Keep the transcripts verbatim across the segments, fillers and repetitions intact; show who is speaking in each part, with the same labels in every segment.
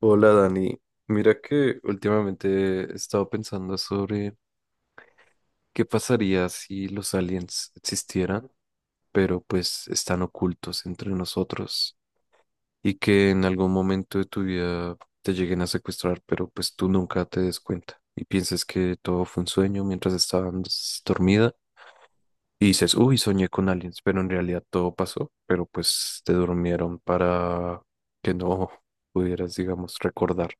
Speaker 1: Hola Dani, mira que últimamente he estado pensando sobre qué pasaría si los aliens existieran, pero pues están ocultos entre nosotros y que en algún momento de tu vida te lleguen a secuestrar, pero pues tú nunca te des cuenta y pienses que todo fue un sueño mientras estabas dormida y dices, uy, soñé con aliens, pero en realidad todo pasó, pero pues te durmieron para que no pudieras, digamos, recordar.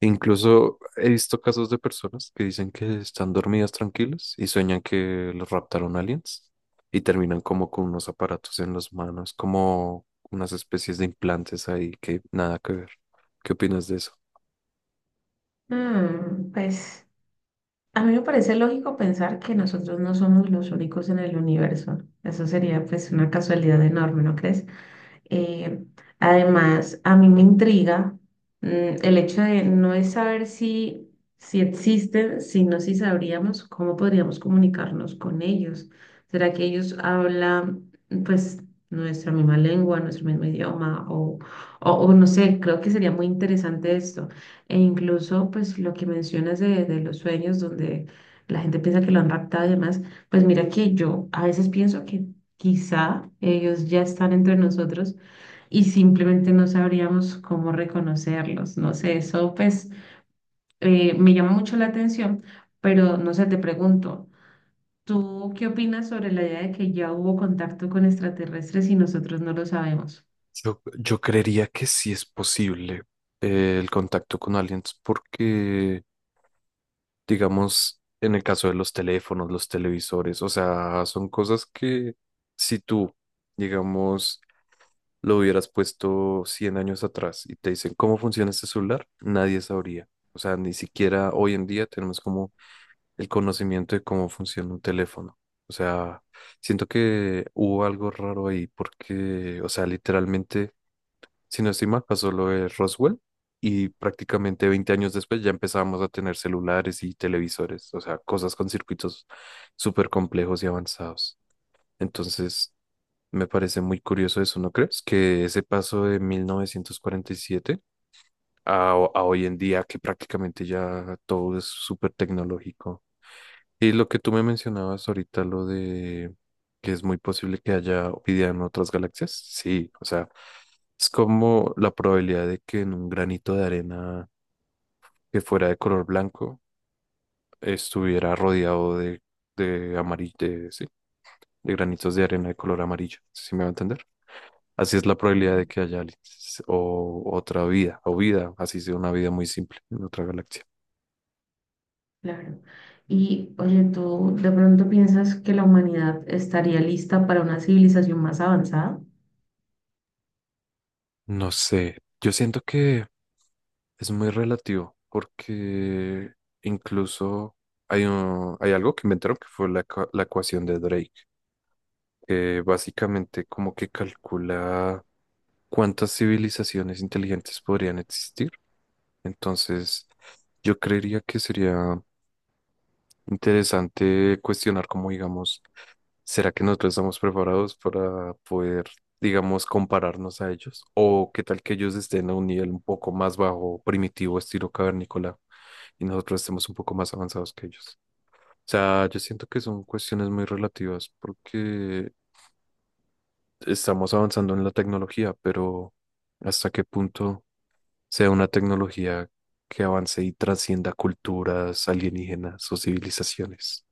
Speaker 1: Incluso he visto casos de personas que dicen que están dormidas tranquilas y sueñan que los raptaron aliens y terminan como con unos aparatos en las manos, como unas especies de implantes ahí que nada que ver. ¿Qué opinas de eso?
Speaker 2: Mm, pues a mí me parece lógico pensar que nosotros no somos los únicos en el universo. Eso sería pues una casualidad enorme, ¿no crees? Eh, Además, a mí me intriga mm, el hecho de no es saber si, si existen, sino si sabríamos cómo podríamos comunicarnos con ellos. ¿Será que ellos hablan, pues, nuestra misma lengua, nuestro mismo idioma? O, o, o no sé, creo que sería muy interesante esto. E incluso, pues, lo que mencionas de, de los sueños, donde la gente piensa que lo han raptado y demás, pues mira que yo a veces pienso que quizá ellos ya están entre nosotros y simplemente no sabríamos cómo reconocerlos. No sé, eso pues eh, me llama mucho la atención, pero no sé, te pregunto, ¿tú qué opinas sobre la idea de que ya hubo contacto con extraterrestres y nosotros no lo sabemos?
Speaker 1: Yo, yo creería que sí es posible eh, el contacto con aliens porque, digamos, en el caso de los teléfonos, los televisores, o sea, son cosas que si tú, digamos, lo hubieras puesto cien años atrás y te dicen cómo funciona este celular, nadie sabría. O sea, ni siquiera hoy en día tenemos como el conocimiento de cómo funciona un teléfono. O sea, siento que hubo algo raro ahí porque, o sea, literalmente, si no estoy mal, pasó lo de Roswell y prácticamente veinte años después ya empezábamos a tener celulares y televisores, o sea, cosas con circuitos súper complejos y avanzados. Entonces, me parece muy curioso eso, ¿no crees? Que ese paso de mil novecientos cuarenta y siete a, ho- a hoy en día, que prácticamente ya todo es súper tecnológico. Y lo que tú me mencionabas ahorita, lo de que es muy posible que haya vida en otras galaxias, sí, o sea, es como la probabilidad de que en un granito de arena que fuera de color blanco estuviera rodeado de, de amarillo, de, sí, de granitos de arena de color amarillo, ¿sí me va a entender? Así es la probabilidad
Speaker 2: Ujú.
Speaker 1: de que haya aliens o otra vida, o vida, así sea una vida muy simple en otra galaxia.
Speaker 2: Claro. Y oye, ¿tú de pronto piensas que la humanidad estaría lista para una civilización más avanzada?
Speaker 1: No sé, yo siento que es muy relativo porque incluso hay, un- hay algo que inventaron que fue la, ecua- la ecuación de Drake, que básicamente como que calcula cuántas civilizaciones inteligentes podrían existir. Entonces, yo creería que sería interesante cuestionar cómo, digamos, ¿será que nosotros estamos preparados para poder, digamos, compararnos a ellos? ¿O qué tal que ellos estén a un nivel un poco más bajo, primitivo, estilo cavernícola, y nosotros estemos un poco más avanzados que ellos? O sea, yo siento que son cuestiones muy relativas porque estamos avanzando en la tecnología, pero ¿hasta qué punto sea una tecnología que avance y trascienda culturas alienígenas o civilizaciones?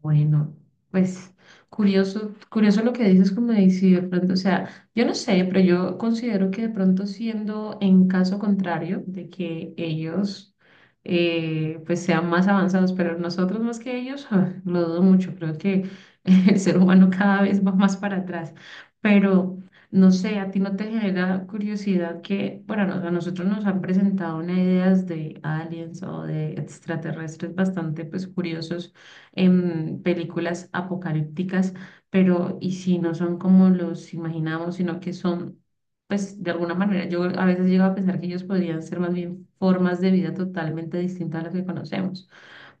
Speaker 2: Bueno, pues curioso, curioso lo que dices, como de si de pronto, o sea, yo no sé, pero yo considero que de pronto siendo en caso contrario de que ellos eh, pues sean más avanzados, pero nosotros más que ellos, ah, lo dudo mucho, creo que el ser humano cada vez va más para atrás, pero no sé, a ti no te genera curiosidad que, bueno, nos- a nosotros nos han presentado unas ideas de aliens o de extraterrestres bastante pues curiosos en películas apocalípticas, pero y si no son como los imaginamos, sino que son, pues de alguna manera, yo a veces llego a pensar que ellos podrían ser más bien formas de vida totalmente distintas a las que conocemos.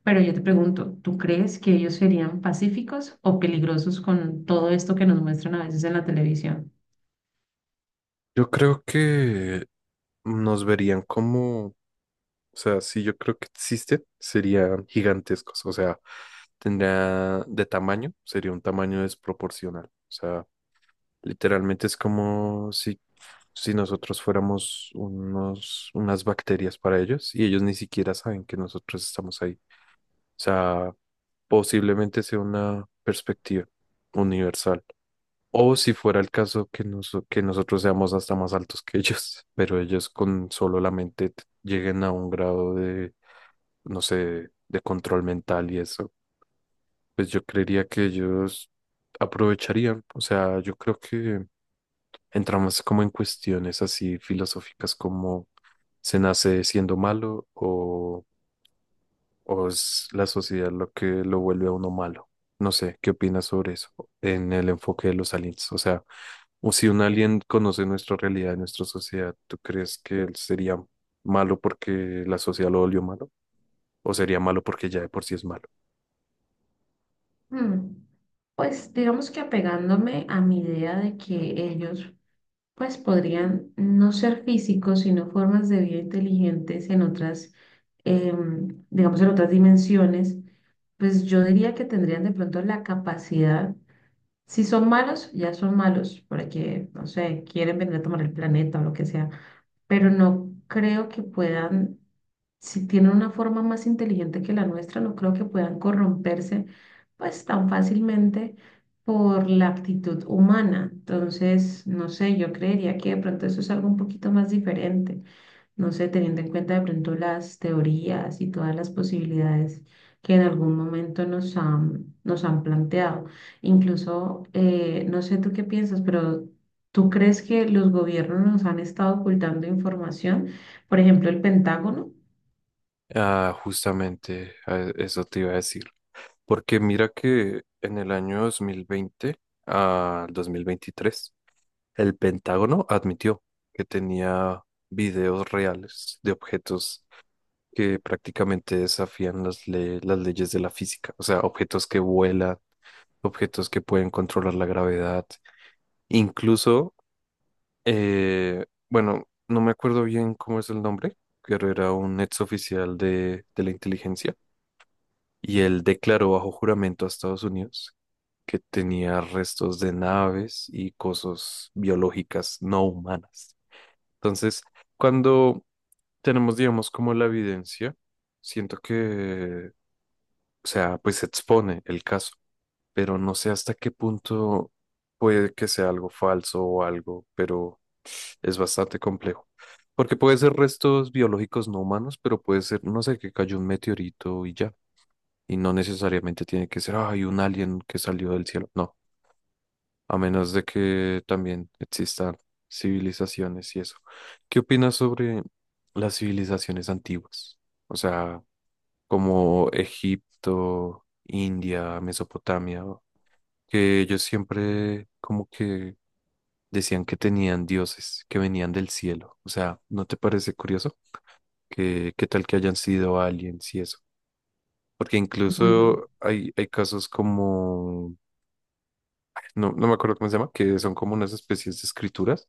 Speaker 2: Pero yo te pregunto, ¿tú crees que ellos serían pacíficos o peligrosos con todo esto que nos muestran a veces en la televisión?
Speaker 1: Yo creo que nos verían como, o sea, si yo creo que existe, serían gigantescos, o sea, tendría de tamaño, sería un tamaño desproporcional, o sea, literalmente es como si, si nosotros fuéramos unos, unas bacterias para ellos y ellos ni siquiera saben que nosotros estamos ahí, o sea, posiblemente sea una perspectiva universal. O si fuera el caso que, noso- que nosotros seamos hasta más altos que ellos, pero ellos con solo la mente t- lleguen a un grado de, no sé, de control mental y eso, pues yo creería que ellos aprovecharían. O sea, yo creo que entramos como en cuestiones así filosóficas como ¿se nace siendo malo o o es la sociedad lo que lo vuelve a uno malo? No sé, ¿qué opinas sobre eso en el enfoque de los aliens? O sea, o si un alien conoce nuestra realidad, nuestra sociedad, ¿tú crees que él sería malo porque la sociedad lo volvió malo? ¿O sería malo porque ya de por sí es malo?
Speaker 2: Hmm. Pues digamos que apegándome a mi idea de que ellos pues podrían no ser físicos, sino formas de vida inteligentes en otras, em, digamos, en otras dimensiones, pues yo diría que tendrían de pronto la capacidad, si son malos, ya son malos, porque, no sé, quieren venir a tomar el planeta o lo que sea, pero no creo que puedan si tienen una forma más inteligente que la nuestra, no creo que puedan corromperse pues tan fácilmente por la actitud humana. Entonces, no sé, yo creería que de pronto eso es algo un poquito más diferente. No sé, teniendo en cuenta de pronto las teorías y todas las posibilidades que en algún momento nos han, nos han planteado. Incluso, eh, no sé tú qué piensas, pero... ¿Tú crees que los gobiernos nos han estado ocultando información? Por ejemplo, el Pentágono.
Speaker 1: Ah, justamente a- eso te iba a decir. Porque mira que en el año dos mil veinte al dos mil veintitrés el Pentágono admitió que tenía videos reales de objetos que prácticamente desafían las, le- las leyes de la física, o sea, objetos que vuelan, objetos que pueden controlar la gravedad, incluso, eh, bueno, no me acuerdo bien cómo es el nombre, pero era un ex oficial de, de la inteligencia y él declaró bajo juramento a Estados Unidos que tenía restos de naves y cosas biológicas no humanas. Entonces, cuando tenemos, digamos, como la evidencia, siento que, o sea, pues se expone el caso, pero no sé hasta qué punto puede que sea algo falso o algo, pero es bastante complejo. Porque puede ser restos biológicos no humanos, pero puede ser, no sé, que cayó un meteorito y ya. Y no necesariamente tiene que ser, hay un alien que salió del cielo. No, a menos de que también existan civilizaciones y eso. ¿Qué opinas sobre las civilizaciones antiguas? O sea, como Egipto, India, Mesopotamia, que ellos siempre como que decían que tenían dioses que venían del cielo. O sea, ¿no te parece curioso que qué tal que hayan sido aliens y eso? Porque
Speaker 2: Bueno,
Speaker 1: incluso hay, hay casos como, no, no me acuerdo cómo se llama, que son como unas especies de escrituras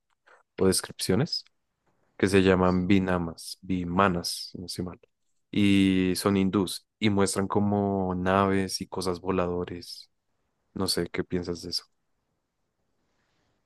Speaker 1: o descripciones que se llaman binamas, bimanas, si no estoy mal, y son hindús y muestran como naves y cosas voladores. No sé qué piensas de eso.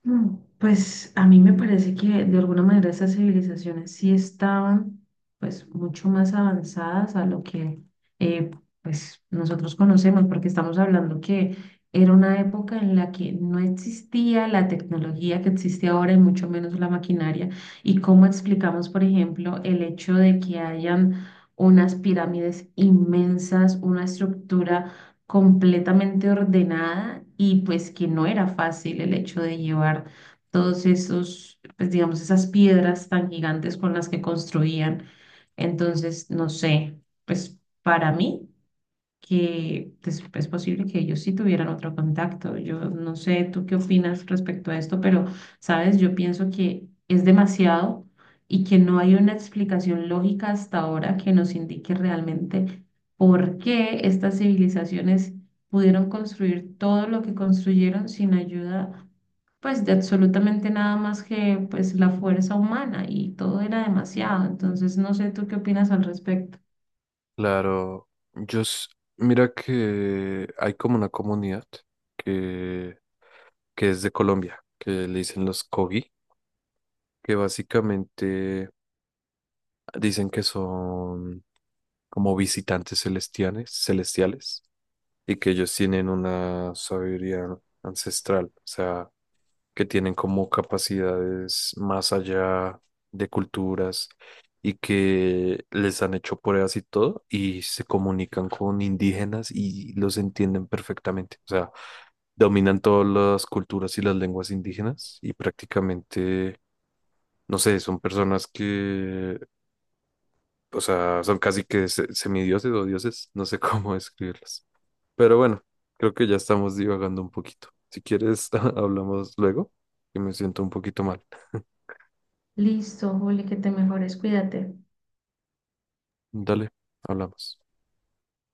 Speaker 2: mm, pues a mí me parece que de alguna manera esas civilizaciones sí estaban pues mucho más avanzadas a lo que eh, pues nosotros conocemos, porque estamos hablando que era una época en la que no existía la tecnología que existe ahora y mucho menos la maquinaria. Y cómo explicamos, por ejemplo, el hecho de que hayan unas pirámides inmensas, una estructura completamente ordenada y pues que no era fácil el hecho de llevar todos esos, pues digamos, esas piedras tan gigantes con las que construían. Entonces, no sé, pues para mí que pues, es posible que ellos sí tuvieran otro contacto. Yo no sé tú qué opinas respecto a esto, pero sabes, yo pienso que es demasiado y que no hay una explicación lógica hasta ahora que nos indique realmente por qué estas civilizaciones pudieron construir todo lo que construyeron sin ayuda, pues de absolutamente nada más que pues la fuerza humana y todo era demasiado. Entonces, no sé tú qué opinas al respecto.
Speaker 1: Claro, yo s- mira que hay como una comunidad que, que es de Colombia, que le dicen los Kogi, que básicamente dicen que son como visitantes celestiales, celestiales, y que ellos tienen una sabiduría ancestral. O sea, que tienen como capacidades más allá de culturas y que les han hecho pruebas y todo y se comunican con indígenas y los entienden perfectamente. O sea, dominan todas las culturas y las lenguas indígenas y prácticamente, no sé, son personas que, o sea, son casi que se- semidioses o dioses, no sé cómo describirlos. Pero bueno, creo que ya estamos divagando un poquito. Si quieres, hablamos luego, que me siento un poquito mal.
Speaker 2: Listo, Juli, que te mejores, cuídate.
Speaker 1: Dale, hablamos.